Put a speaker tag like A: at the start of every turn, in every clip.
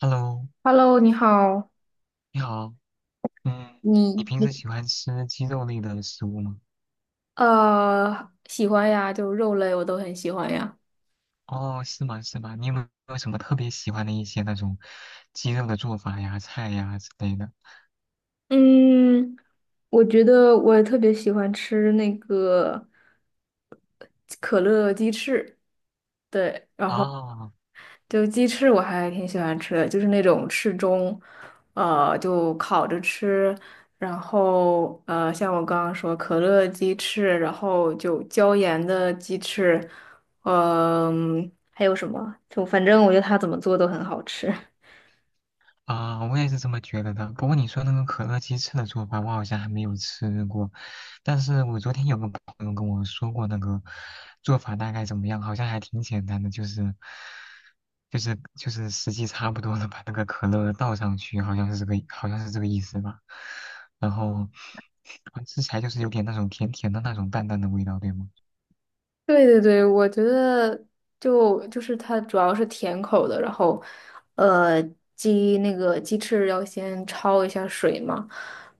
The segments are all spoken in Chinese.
A: Hello，
B: Hello，你好。
A: 你好，嗯，你
B: 你
A: 平时喜欢吃鸡肉类的食物吗？
B: 喜欢呀，就肉类我都很喜欢呀。
A: 哦，是吗？是吗？你有没有什么特别喜欢的一些那种鸡肉的做法呀、菜呀之类的？
B: 嗯，我觉得我特别喜欢吃那个可乐鸡翅，对，然后
A: 哦，
B: 就鸡翅我还挺喜欢吃的，就是那种翅中，就烤着吃，然后像我刚刚说可乐鸡翅，然后就椒盐的鸡翅，还有什么？就反正我觉得它怎么做都很好吃。
A: 啊，我也是这么觉得的。不过你说那个可乐鸡翅的做法，我好像还没有吃过。但是我昨天有个朋友跟我说过那个做法大概怎么样，好像还挺简单的，就是时机差不多了，把那个可乐倒上去，好像是这个意思吧。然后吃起来就是有点那种甜甜的那种淡淡的味道，对吗？
B: 对对对，我觉得就是它主要是甜口的，然后，呃，那个鸡翅要先焯一下水嘛，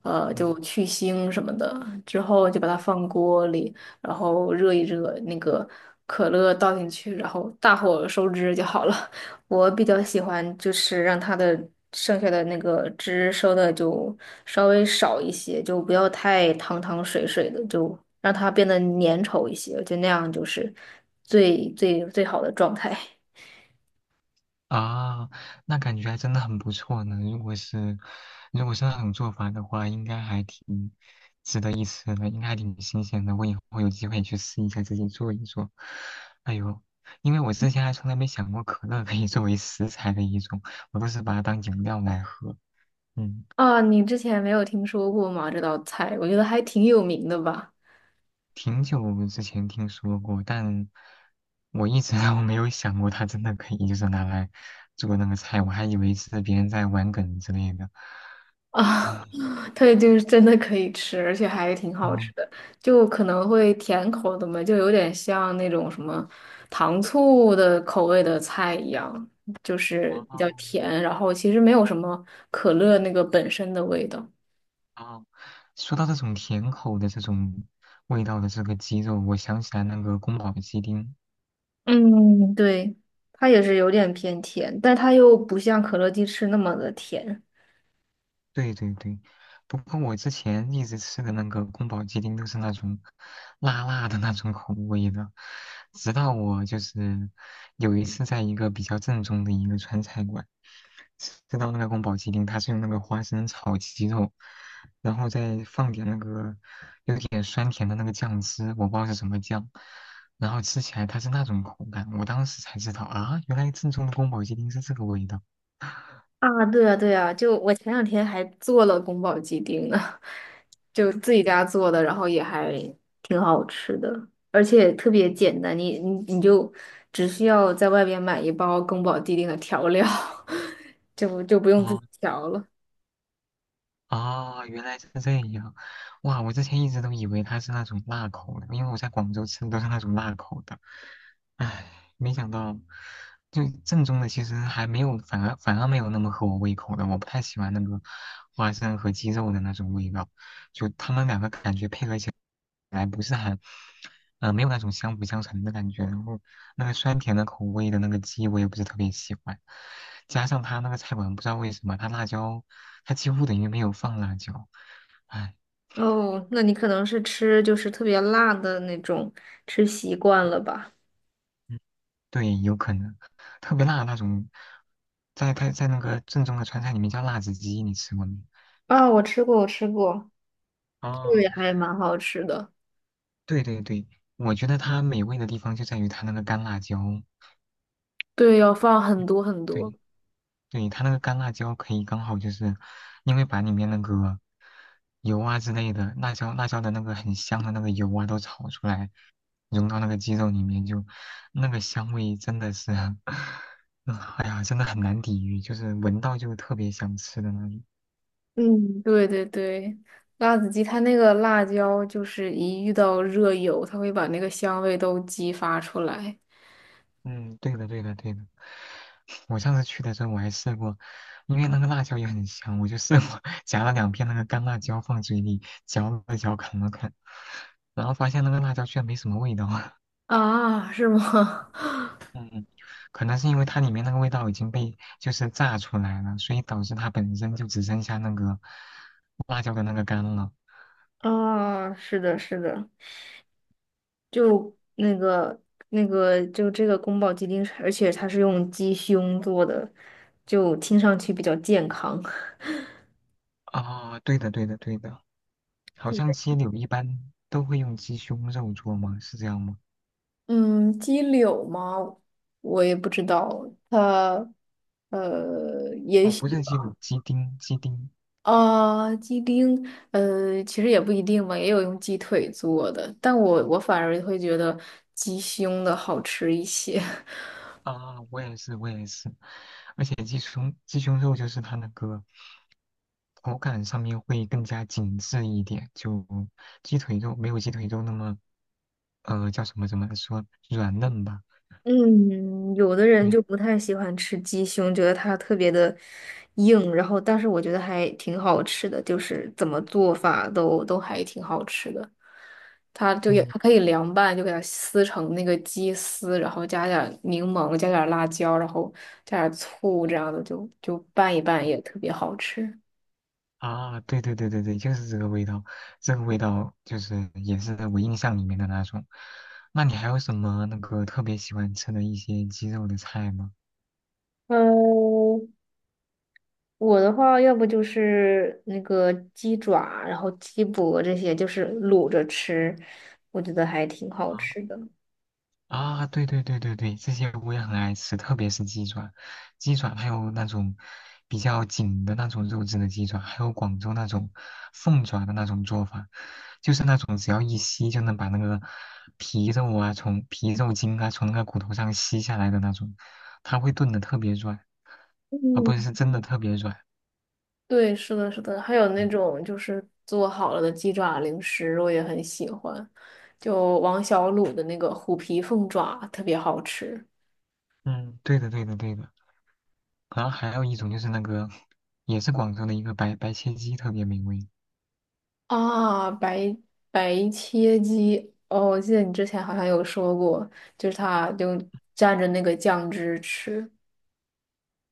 B: 就去腥什么的，之后就把它放锅里，然后热一热，那个可乐倒进去，然后大火收汁就好了。我比较喜欢就是让它的剩下的那个汁收的就稍微少一些，就不要太汤汤水水的，就让它变得粘稠一些，我觉得那样就是最好的状态。
A: 啊，那感觉还真的很不错呢。如果是，如果是那种做法的话，应该还挺值得一吃的，应该还挺新鲜的。我以后有机会去试一下，自己做一做。哎呦，因为我之前还从来没想过可乐可以作为食材的一种，我都是把它当饮料来喝。嗯，
B: 啊，你之前没有听说过吗？这道菜，我觉得还挺有名的吧。
A: 挺久之前听说过，但我一直 都没有想过它真的可以就是拿来做那个菜，我还以为是别人在玩梗之类的。
B: 啊，它就是真的可以吃，而且还挺好
A: 啊。
B: 吃的，就可能会甜口的嘛，就有点像那种什么糖醋的口味的菜一样，就是
A: 哦
B: 比较甜，然后其实没有什么可乐那个本身的味道。
A: 哦，说到这种甜口的这种味道的这个鸡肉，我想起来那个宫保鸡丁，
B: 嗯，对，它也是有点偏甜，但它又不像可乐鸡翅那么的甜。
A: 对对对，不过我之前一直吃的那个宫保鸡丁都是那种辣辣的那种口味的，直到我就是有一次在一个比较正宗的一个川菜馆吃到那个宫保鸡丁，它是用那个花生炒鸡肉，然后再放点那个有点酸甜的那个酱汁，我不知道是什么酱，然后吃起来它是那种口感，我当时才知道啊，原来正宗的宫保鸡丁是这个味道。
B: 啊，对啊，对啊，就我前两天还做了宫保鸡丁呢，就自己家做的，然后也还挺好吃的，而且特别简单，你就只需要在外边买一包宫保鸡丁的调料，就不用自
A: 哦，
B: 己调了。
A: 哦，原来是这样，哇！我之前一直都以为它是那种辣口的，因为我在广州吃的都是那种辣口的。唉，没想到，就正宗的其实还没有，反而没有那么合我胃口的。我不太喜欢那个花生和鸡肉的那种味道，本来不是很，没有那种相辅相成的感觉。然后那个酸甜的口味的那个鸡，我也不是特别喜欢。加上它那个菜馆不知道为什么，它辣椒，它几乎等于没有放辣椒，唉。嗯
B: 哦，那你可能是吃就是特别辣的那种，吃习惯了吧？
A: 对，有可能，特别辣的那种，在那个正宗的川菜里面叫辣子鸡，你吃过没？
B: 啊，我吃过，这个
A: 哦，
B: 也还蛮好吃的。
A: 对对对，我觉得它美味的地方就在于它那个干辣椒，
B: 对，要放很多很多。
A: 对对，它那个干辣椒可以刚好就是因为把里面那个油啊之类的辣椒的那个很香的那个油啊都炒出来，融到那个鸡肉里面就，那个香味真的是，嗯哎呀，真的很难抵御，就是闻到就特别想吃的那种。
B: 嗯，对对对，辣子鸡它那个辣椒就是一遇到热油，它会把那个香味都激发出来。
A: 嗯，对的，对的，对的。我上次去的时候我还试过，因为那个辣椒也很香，我就试过 夹了两片那个干辣椒放嘴里嚼了嚼，啃了啃，然后发现那个辣椒居然没什么味道。
B: 啊，是吗？
A: 嗯，可能是因为它里面那个味道已经被就是炸出来了，所以导致它本身就只剩下那个辣椒的那个干了。
B: 啊，是的，是的，就那个那个，就这个宫保鸡丁是而且它是用鸡胸做的，就听上去比较健康。
A: 啊、对的，对的，对的，好像鸡柳一般都会用鸡胸肉做吗？是这样吗？
B: 嗯，鸡柳吗？我也不知道，它也
A: 哦，不
B: 许。
A: 是鸡柳，鸡丁，鸡丁。
B: 啊，鸡丁，呃，其实也不一定吧，也有用鸡腿做的，但我反而会觉得鸡胸的好吃一些。
A: 啊，我也是，我也是，而且鸡胸肉就是它那个口感上面会更加紧致一点，就鸡腿肉没有鸡腿肉那么叫什么怎么说软嫩吧？
B: 嗯，有的人
A: 对，
B: 就不太喜欢吃鸡胸，觉得它特别的硬，然后但是我觉得还挺好吃的，就是怎么做法都还挺好吃的。它就也
A: 嗯
B: 它可以凉拌，就给它撕成那个鸡丝，然后加点儿柠檬，加点儿辣椒，然后加点儿醋，这样的就拌一拌也特别好吃。
A: 啊，对对对对对，就是这个味道，这个味道就是也是我印象里面的那种。那你还有什么那个特别喜欢吃的一些鸡肉的菜吗？
B: 嗯，我的话，要不就是那个鸡爪，然后鸡脖这些，就是卤着吃，我觉得还挺好吃的。
A: 啊，对对对对对，这些我也很爱吃，特别是鸡爪，鸡爪还有那种比较紧的那种肉质的鸡爪，还有广州那种凤爪的那种做法，就是那种只要一吸就能把那个皮肉啊，从皮肉筋啊，从那个骨头上吸下来的那种，它会炖的特别软，啊，不是，是
B: 嗯，
A: 真的特别软。
B: 对，是的，是的，还有那
A: 嗯，
B: 种就是做好了的鸡爪零食，我也很喜欢，就王小卤的那个虎皮凤爪特别好吃。
A: 嗯对的对的对的。然后还有一种就是那个，也是广州的一个白切鸡，特别美味。
B: 啊，白白切鸡，哦，我记得你之前好像有说过，就是他就蘸着那个酱汁吃，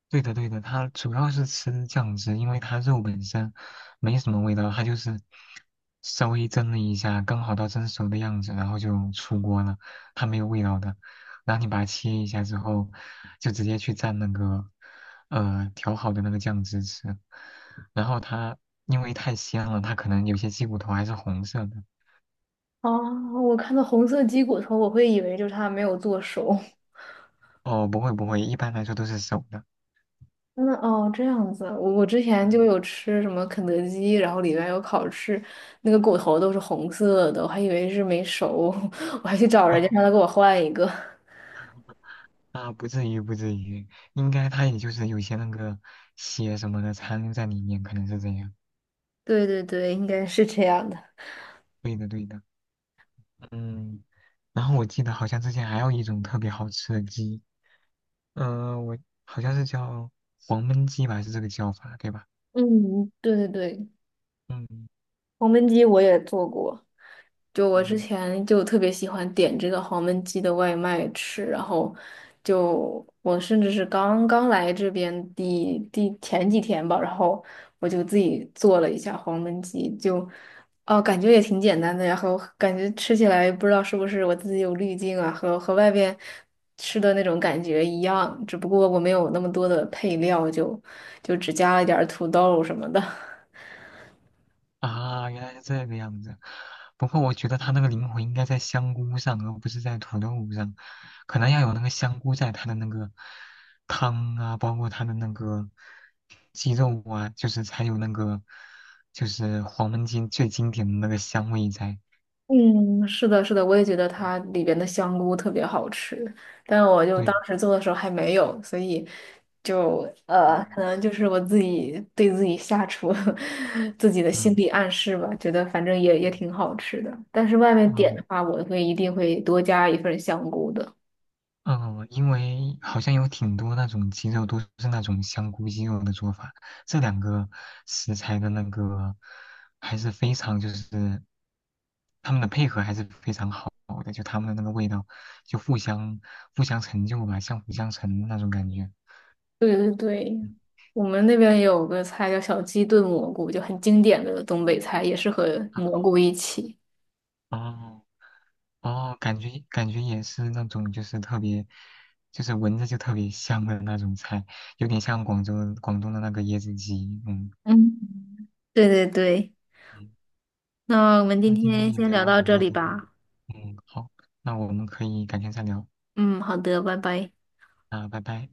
A: 对的，对的，它主要是吃酱汁，因为它肉本身没什么味道，它就是稍微蒸了一下，刚好到蒸熟的样子，然后就出锅了，它没有味道的。然后你把它切一下之后，就直接去蘸那个调好的那个酱汁吃。然后它因为太鲜了，它可能有些鸡骨头还是红色的。
B: 哦，我看到红色鸡骨头，我会以为就是它没有做熟。
A: 哦，不会不会，一般来说都是熟的。
B: 嗯，哦，这样子，我之前就
A: 嗯，
B: 有吃什么肯德基，然后里面有烤翅，那个骨头都是红色的，我还以为是没熟，我还去找人家
A: 哦
B: 让他给我换一个。
A: 啊，不至于，不至于，应该它也就是有些那个血什么的残留在里面，可能是这样。
B: 对对对，应该是这样的。
A: 对的，对的。嗯，然后我记得好像之前还有一种特别好吃的鸡，嗯、我好像是叫黄焖鸡吧，是这个叫法，对吧？
B: 嗯，对对对，
A: 嗯
B: 黄焖鸡我也做过。就我之
A: 嗯。
B: 前就特别喜欢点这个黄焖鸡的外卖吃，然后就我甚至是刚刚来这边前几天吧，然后我就自己做了一下黄焖鸡，就哦感觉也挺简单的，然后感觉吃起来不知道是不是我自己有滤镜啊，和外边吃的那种感觉一样，只不过我没有那么多的配料，就只加了一点儿土豆什么的。
A: 啊，原来是这个样子。不过我觉得他那个灵魂应该在香菇上，而不是在土豆上，可能要有那个香菇在他的那个汤啊，包括他的那个鸡肉啊，就是才有那个就是黄焖鸡最经典的那个香味在。
B: 嗯，是的，是的，我也觉得
A: 嗯
B: 它里边的香菇特别好吃，但我就当
A: 对，
B: 时做的时候还没有，所以可
A: 嗯，
B: 能就是我自己对自己下厨 自己的心
A: 嗯，
B: 理暗示吧，觉得反正也
A: 嗯
B: 挺好吃的。但是外面点
A: 啊，
B: 的话，我会一定会多加一份香菇的。
A: 嗯，因为好像有挺多那种鸡肉都是那种香菇鸡肉的做法，这两个食材的那个还是非常就是他们的配合还是非常好的，就他们的那个味道就互相成就吧，相辅相成那种感觉。
B: 对对对，我们那边也有个菜叫小鸡炖蘑菇，就很经典的东北菜，也是和蘑
A: 啊
B: 菇一起。
A: 哦哦，感觉感觉也是那种就是特别就是闻着就特别香的那种菜，有点像广州广东的那个椰子鸡，嗯。
B: 嗯，对对对。那我们今
A: 那今天
B: 天
A: 也
B: 先
A: 聊
B: 聊
A: 了
B: 到
A: 很
B: 这
A: 多
B: 里
A: 这个，
B: 吧。
A: 嗯，好，那我们可以改天再聊，
B: 嗯，好的，拜拜。
A: 啊，拜拜。